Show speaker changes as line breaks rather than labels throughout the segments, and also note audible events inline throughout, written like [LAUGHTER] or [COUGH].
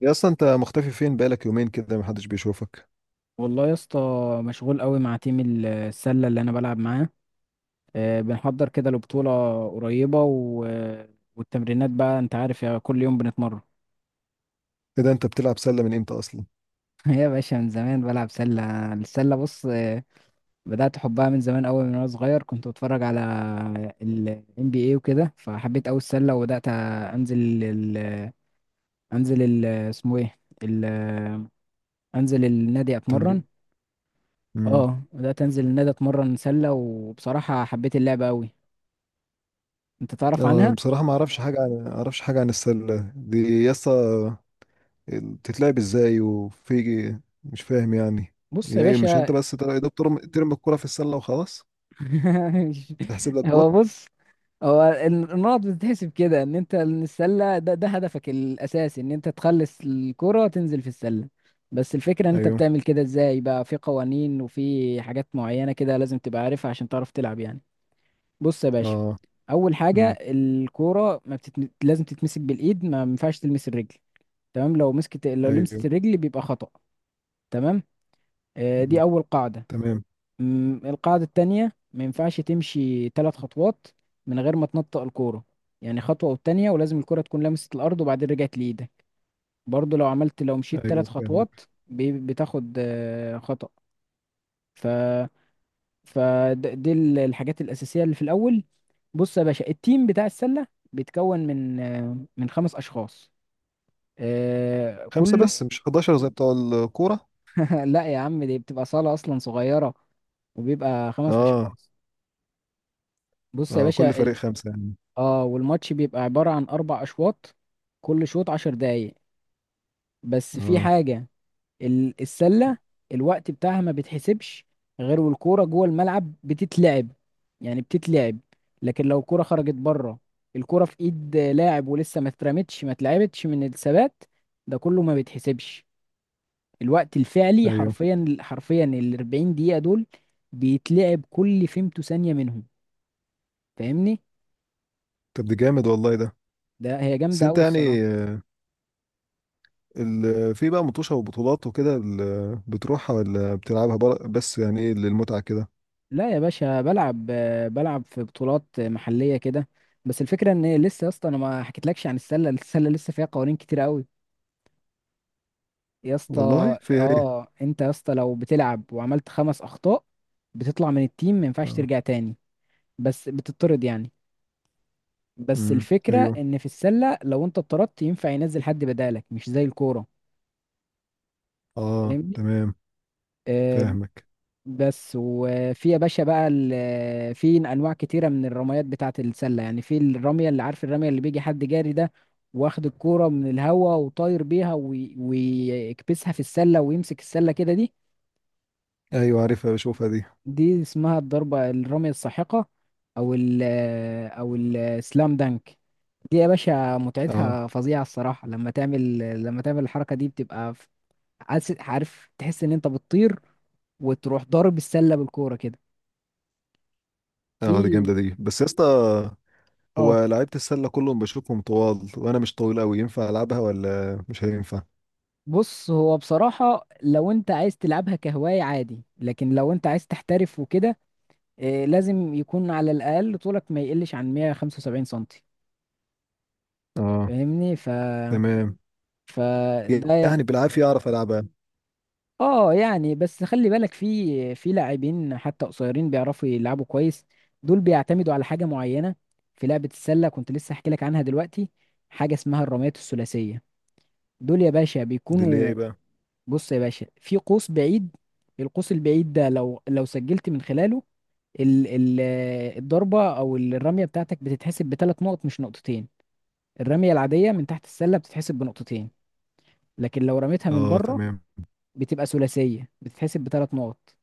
يا اصلا انت مختفي فين بقالك يومين كده محدش بيشوفك.
والله يا اسطى، مشغول قوي مع تيم السلة اللي انا بلعب معاه. بنحضر كده لبطولة قريبة والتمرينات بقى انت عارف يا، كل يوم بنتمرن.
ايه ده؟ انت بتلعب سلة من امتى اصلا؟
[LAUGHS] يا باشا من زمان بلعب سلة. السلة بص، بدأت حبها من زمان قوي، من وانا صغير كنت بتفرج على ال NBA وكده، فحبيت قوي السلة وبدأت انزل انزل اسمه ايه انزل النادي اتمرن.
تمرين. امم
اه، بدأت انزل النادي اتمرن سلة، وبصراحة حبيت اللعبة قوي. انت تعرف
آه،
عنها؟
بصراحة ما اعرفش حاجة عن السلة دي يا اسطى. بتتلعب ازاي وفي، مش فاهم يعني.
بص يا
يا ايه؟ مش انت
باشا.
بس يا دوب ترم الكرة في السلة وخلاص
[LAUGHS]
تتحسب لك جول؟
هو بص، هو النقط بتتحسب كده، ان انت ان السله، ده هدفك الاساسي، ان انت تخلص الكره تنزل في السله. بس الفكره ان انت
ايوه.
بتعمل كده ازاي، بقى في قوانين وفي حاجات معينه كده لازم تبقى عارفها عشان تعرف تلعب يعني. بص يا باشا،
اه.
اول حاجه
امم.
الكوره ما بتتم... لازم تتمسك بالايد، ما ينفعش تلمس الرجل. تمام؟ لو مسكت، لو
ايوه.
لمست الرجل بيبقى خطأ. تمام. دي
مم.
اول قاعده.
تمام.
القاعدة التانية، ما ينفعش تمشي ثلاث خطوات من غير ما تنطق الكورة. يعني خطوة والتانية، ولازم الكورة تكون لمست الأرض وبعدين رجعت لإيدك. برضو لو عملت، لو مشيت
ايوه،
ثلاث خطوات
فاهمك.
بتاخد خطأ. ف فدي الحاجات الأساسية اللي في الأول. بص يا باشا، التيم بتاع السلة بيتكون من من خمس أشخاص. آه،
خمسة
كل
بس؟ مش 11 زي بتوع الكورة؟
[LAUGHS] لا يا عم، دي بتبقى صالة أصلا صغيرة، وبيبقى خمس
اه.
أشخاص. بص يا
اه، كل
باشا،
فريق خمسة يعني.
اه، والماتش بيبقى عبارة عن أربع أشواط، كل شوط عشر دقايق. بس في
اه.
حاجة، السلة الوقت بتاعها ما بتحسبش غير والكورة جوه الملعب بتتلعب، يعني بتتلعب. لكن لو الكورة خرجت بره، الكورة في إيد لاعب ولسه ما اترمتش، ما اتلعبتش من الثبات، ده كله ما بيتحسبش. الوقت الفعلي
ايوه.
حرفيا، حرفيا ال 40 دقيقة دول بيتلعب كل فيمتو ثانية منهم. فاهمني؟
طب دي جامد والله ده.
ده هي
بس
جامدة
انت
أوي الصراحة.
يعني، آه، في بقى مطوشة وبطولات وكده، بتروحها ولا بتلعبها بس يعني ايه، للمتعة كده؟
لا يا باشا، بلعب، بلعب في بطولات محلية كده. بس الفكرة ان لسه يا اسطى انا ما حكيتلكش عن السلة. السلة لسه فيها قوانين كتير قوي يا اسطى.
والله فيها ايه؟
اه، انت يا اسطى لو بتلعب وعملت خمس اخطاء بتطلع من التيم، ما ينفعش
اه.
ترجع تاني. بس بتطرد يعني. بس
امم،
الفكرة
ايوه.
ان في السلة لو انت اتطردت ينفع ينزل حد بدالك، مش زي الكورة.
اه،
فاهمني؟
تمام.
آه،
فاهمك.
بس وفي يا باشا بقى في انواع كتيره من الرميات بتاعه السله. يعني في الرميه اللي، عارف الرميه اللي بيجي حد جاري، ده واخد الكوره من الهوا وطاير بيها ويكبسها في السله ويمسك السله كده، دي
ايوه، عارفها، بشوفها دي.
دي اسمها الضربه، الرميه الساحقه. او او السلام دانك. دي يا باشا
اه.
متعتها فظيعه الصراحه، لما تعمل، لما تعمل الحركه دي بتبقى عارف، عارف تحس ان انت بتطير وتروح ضارب السله بالكوره كده.
اه دي
في
جامدة دي، بس يا اسطى،
اه.
هو لعيبة السلة كلهم بشوفهم طوال، وانا مش طويل قوي، ينفع العبها ولا مش هينفع؟
بص هو بصراحة لو انت عايز تلعبها كهواية عادي، لكن لو انت عايز تحترف وكده، إيه، لازم يكون على الأقل طولك ما يقلش عن 175 سنتي.
اه.
فاهمني؟
تمام.
فده ي-
يعني بالعافية اعرف العبها.
اه يعني. بس خلي بالك، في لاعبين حتى قصيرين بيعرفوا يلعبوا كويس. دول بيعتمدوا على حاجة معينة في لعبة السلة، كنت لسه احكي لك عنها دلوقتي. حاجة اسمها الرميات الثلاثية. دول يا باشا
دي اللي هي
بيكونوا،
ايه بقى؟
بص يا باشا، في قوس بعيد. القوس البعيد ده لو، لو سجلت من خلاله ال ال الضربة أو الرمية بتاعتك بتتحسب بثلاث نقط، مش نقطتين. الرمية العادية من تحت السلة بتتحسب بنقطتين، لكن لو رميتها من
اه،
بره
تمام.
بتبقى ثلاثية، بتتحسب بثلاث نقط.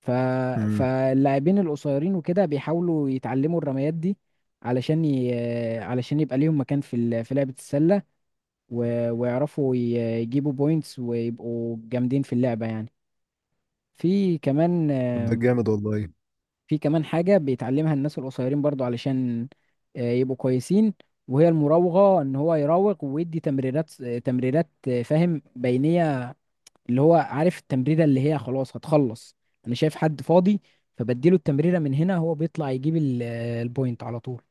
ف
امم.
فاللاعبين القصيرين وكده بيحاولوا يتعلموا الرميات دي، علشان علشان يبقى ليهم مكان في في لعبة السلة، ويعرفوا يجيبوا بوينتس، ويبقوا جامدين في اللعبة يعني. في كمان
طب ده جامد والله.
في كمان حاجة بيتعلمها الناس القصيرين برضو، علشان يبقوا كويسين، وهي المراوغة. ان هو يراوغ ويدي تمريرات، فاهم، بينية، اللي هو عارف التمريرة اللي هي خلاص هتخلص، انا شايف حد فاضي، فبديله التمريرة من هنا، هو بيطلع يجيب البوينت على طول.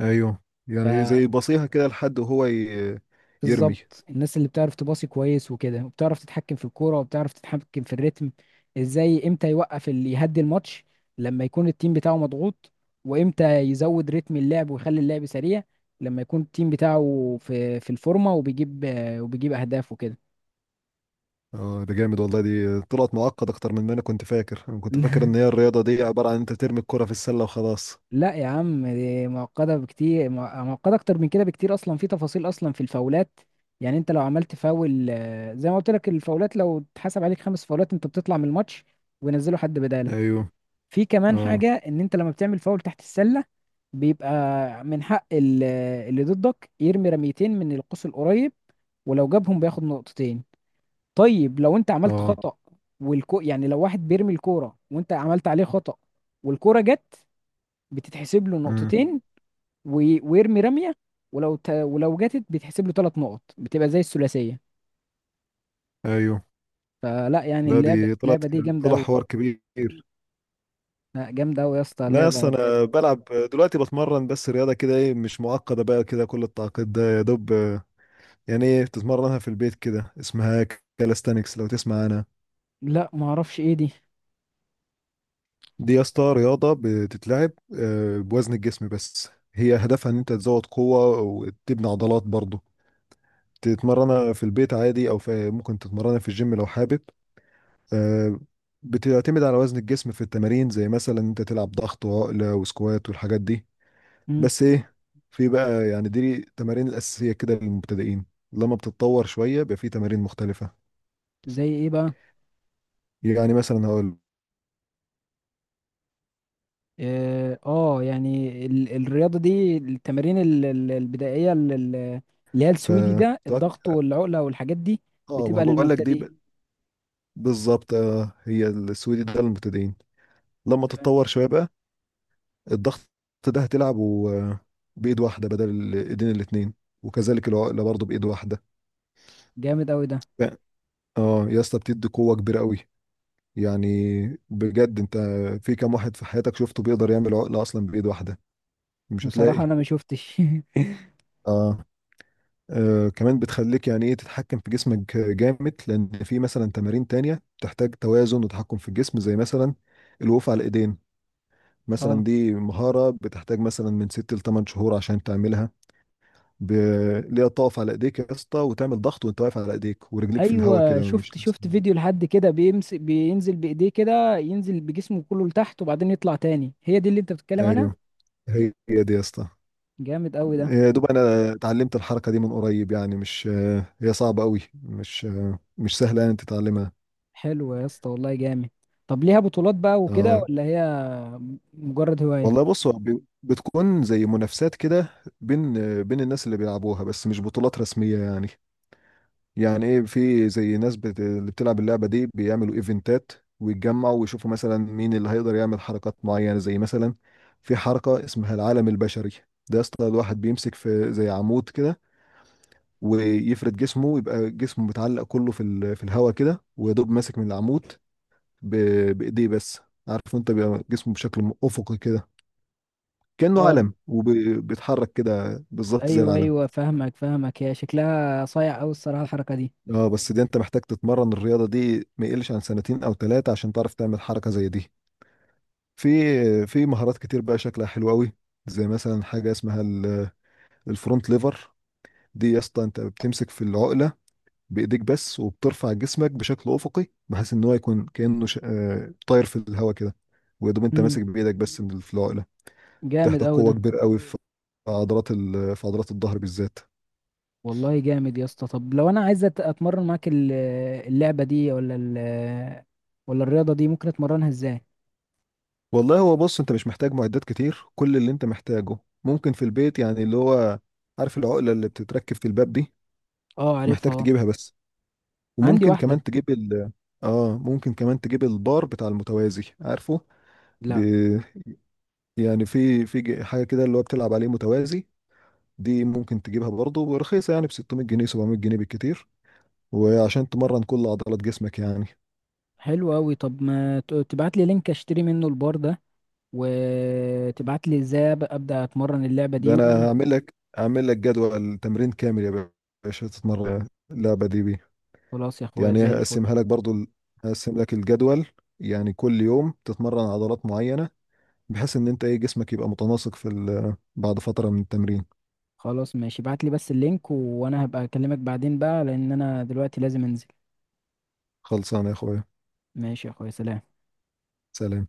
ايوه، يعني زي بصيها كده لحد وهو يرمي.
بالظبط، الناس اللي بتعرف تباصي كويس وكده، وبتعرف تتحكم في الكوره، وبتعرف تتحكم في الريتم، ازاي، امتى يوقف، اللي يهدي الماتش لما يكون التيم بتاعه مضغوط، وامتى يزود رتم اللعب ويخلي اللعب سريع لما يكون التيم بتاعه في، في الفورمه وبيجيب، وبيجيب اهداف وكده.
اه ده جامد والله، دي طلعت معقد اكتر من ما انا كنت فاكر. انا كنت فاكر ان
[LAUGHS]
هي الرياضه دي عباره عن انت ترمي الكره في السله وخلاص.
لا يا عم، دي معقده بكتير، معقده اكتر من كده بكتير اصلا. في تفاصيل اصلا، في الفاولات، يعني انت لو عملت فاول، زي ما قلت لك، الفاولات لو اتحسب عليك خمس فاولات انت بتطلع من الماتش، وينزلوا حد بدالك.
ايوه.
في كمان
اه.
حاجة ان انت لما بتعمل فاول تحت السلة بيبقى من حق اللي ضدك يرمي رميتين من القوس القريب، ولو جابهم بياخد نقطتين. طيب لو انت عملت
اه.
خطأ، يعني لو واحد بيرمي الكورة وانت عملت عليه خطأ والكورة جت، بتتحسب له
امم.
نقطتين، ويرمي رمية، ولو ولو جاتت بيتحسب له ثلاث نقط، بتبقى زي الثلاثية.
ايوه.
فلا يعني،
لا
اللعبة،
دي طلعت،
اللعبة دي جامدة
طلع
أوي.
حوار كبير.
لا، جامدة أوي يا اسطى
لا اصل
اللعبة بجد.
انا بلعب دلوقتي، بتمرن بس رياضه كده ايه، مش معقده بقى كده كل التعقيد ده، يا دوب. آه، يعني ايه، بتتمرنها في البيت، كده اسمها كالستانكس، لو تسمع عنها.
لا معرفش ايه دي.
دي يا اسطى رياضة بتتلعب آه، بوزن الجسم بس. هي هدفها ان انت تزود قوة وتبني عضلات برضه. تتمرنها في البيت عادي او في، ممكن تتمرنها في الجيم لو حابب. آه، بتعتمد على وزن الجسم في التمارين، زي مثلا انت تلعب ضغط وعقلة وسكوات والحاجات دي.
مم.
بس ايه، في بقى يعني دي التمارين الأساسية كده للمبتدئين. لما بتتطور شوية بيبقى في تمارين مختلفة.
زي ايه بقى؟
يعني مثلا هقول،
اه، يعني الرياضة دي، التمارين البدائية، اللي هي
ف
السويدي
اه،
ده، الضغط والعقلة والحاجات دي،
ما هو
بتبقى
بقول لك دي
للمبتدئين.
بالظبط، آه، هي السويدي ده للمبتدئين. لما
تمام.
تتطور شوية بقى، الضغط ده هتلعبه آه، بإيد واحدة بدل الإيدين الاتنين. وكذلك العقلة برضه بإيد واحدة.
جامد قوي ده.
ف- اه يا اسطى، بتدي قوة كبيرة قوي يعني. بجد انت، في كام واحد في حياتك شفته بيقدر يعمل عقلة أصلا بإيد واحدة؟ مش
بصراحة
هتلاقي.
انا ما شفتش. [LAUGHS]
اه. آه، كمان بتخليك يعني ايه، تتحكم في جسمك جامد، لأن في مثلا تمارين تانية بتحتاج توازن وتحكم في الجسم، زي مثلا الوقوف على الإيدين.
اه.
مثلا دي مهارة بتحتاج مثلا من ست لتمن شهور عشان تعملها. ب... اللي هي تقف على ايديك يا اسطى، وتعمل ضغط وانت واقف على ايديك ورجليك في الهواء
ايوه،
كده مش
شفت،
لابس.
شفت فيديو لحد كده بيمسك، بينزل بايديه كده، ينزل بجسمه كله لتحت وبعدين يطلع تاني، هي دي اللي انت بتتكلم عنها؟
ايوه، هي دي يا اسطى.
جامد قوي ده.
يا دوب انا اتعلمت الحركه دي من قريب، يعني مش، هي صعبه قوي، مش مش سهله يعني تتعلمها.
حلو يا اسطى، والله جامد. طب ليها بطولات بقى وكده،
اه.
ولا هي مجرد هواية؟
والله بص، هو بتكون زي منافسات كده بين، بين الناس اللي بيلعبوها، بس مش بطولات رسميه يعني. يعني ايه، في زي ناس اللي بتلعب اللعبه دي بيعملوا ايفنتات، ويتجمعوا ويشوفوا مثلا مين اللي هيقدر يعمل حركات معينه. زي مثلا في حركه اسمها العالم البشري. ده يا اسطى الواحد بيمسك في زي عمود كده، ويفرد جسمه يبقى جسمه متعلق كله في في الهواء كده، ويدوب ماسك من العمود، ب... بايديه بس. عارف انت، بيبقى جسمه بشكل افقي كده، كانه
اه.
علم، وبيتحرك كده بالظبط زي
ايوه،
العلم.
ايوه، فاهمك، فاهمك. هي شكلها صايع قوي الصراحه الحركه دي.
اه، بس دي انت محتاج تتمرن الرياضة دي ما يقلش عن سنتين او ثلاثة عشان تعرف تعمل حركة زي دي. في، في مهارات كتير بقى شكلها حلو قوي. زي مثلا حاجة اسمها الفرونت ليفر. دي يا اسطى انت بتمسك في العقلة بايديك بس، وبترفع جسمك بشكل افقي، بحيث ان هو يكون كأنه آه، طاير في الهواء كده. ويدوم انت
امم.
ماسك بايدك بس في العقلة.
جامد
بتحتاج
قوي ده.
قوة كبيرة قوي في عضلات في عضلات الظهر بالذات.
والله جامد يا اسطى. طب لو انا عايز اتمرن معاك اللعبه دي، ولا ولا الرياضه دي، ممكن اتمرنها ازاي؟
والله هو بص، انت مش محتاج معدات كتير. كل اللي انت محتاجه ممكن في البيت يعني، اللي هو عارف العقلة اللي بتتركب في الباب دي؟
اه، عارفها،
محتاج
اه.
تجيبها بس.
عندي
وممكن
واحده.
كمان تجيب ال، اه ممكن كمان تجيب البار بتاع المتوازي، عارفه؟ ب...
لا.
يعني في، في حاجة كده اللي هو بتلعب عليه متوازي. دي ممكن تجيبها برضه، ورخيصة يعني ب 600 جنيه 700 جنيه بالكتير. وعشان تمرن كل عضلات جسمك يعني.
حلو قوي. طب ما تبعت لي لينك اشتري منه البار ده، وتبعت لي ازاي ابدا اتمرن اللعبه
ده
دي.
انا هعمل لك، هعمل لك جدول تمرين كامل يا باشا، تتمرن اللعبة دي بيه.
وخلاص يا اخويا،
يعني
زي الفل.
هقسمها لك برضو هقسم لك الجدول، يعني كل يوم تتمرن عضلات معينة، بحيث ان انت ايه، جسمك يبقى متناسق في بعد فترة من التمرين.
خلاص ماشي، ابعت لي بس اللينك وانا هبقى اكلمك بعدين بقى، لان انا دلوقتي لازم انزل.
خلصانة يا اخويا،
ماشي يا اخويا، سلام.
سلام.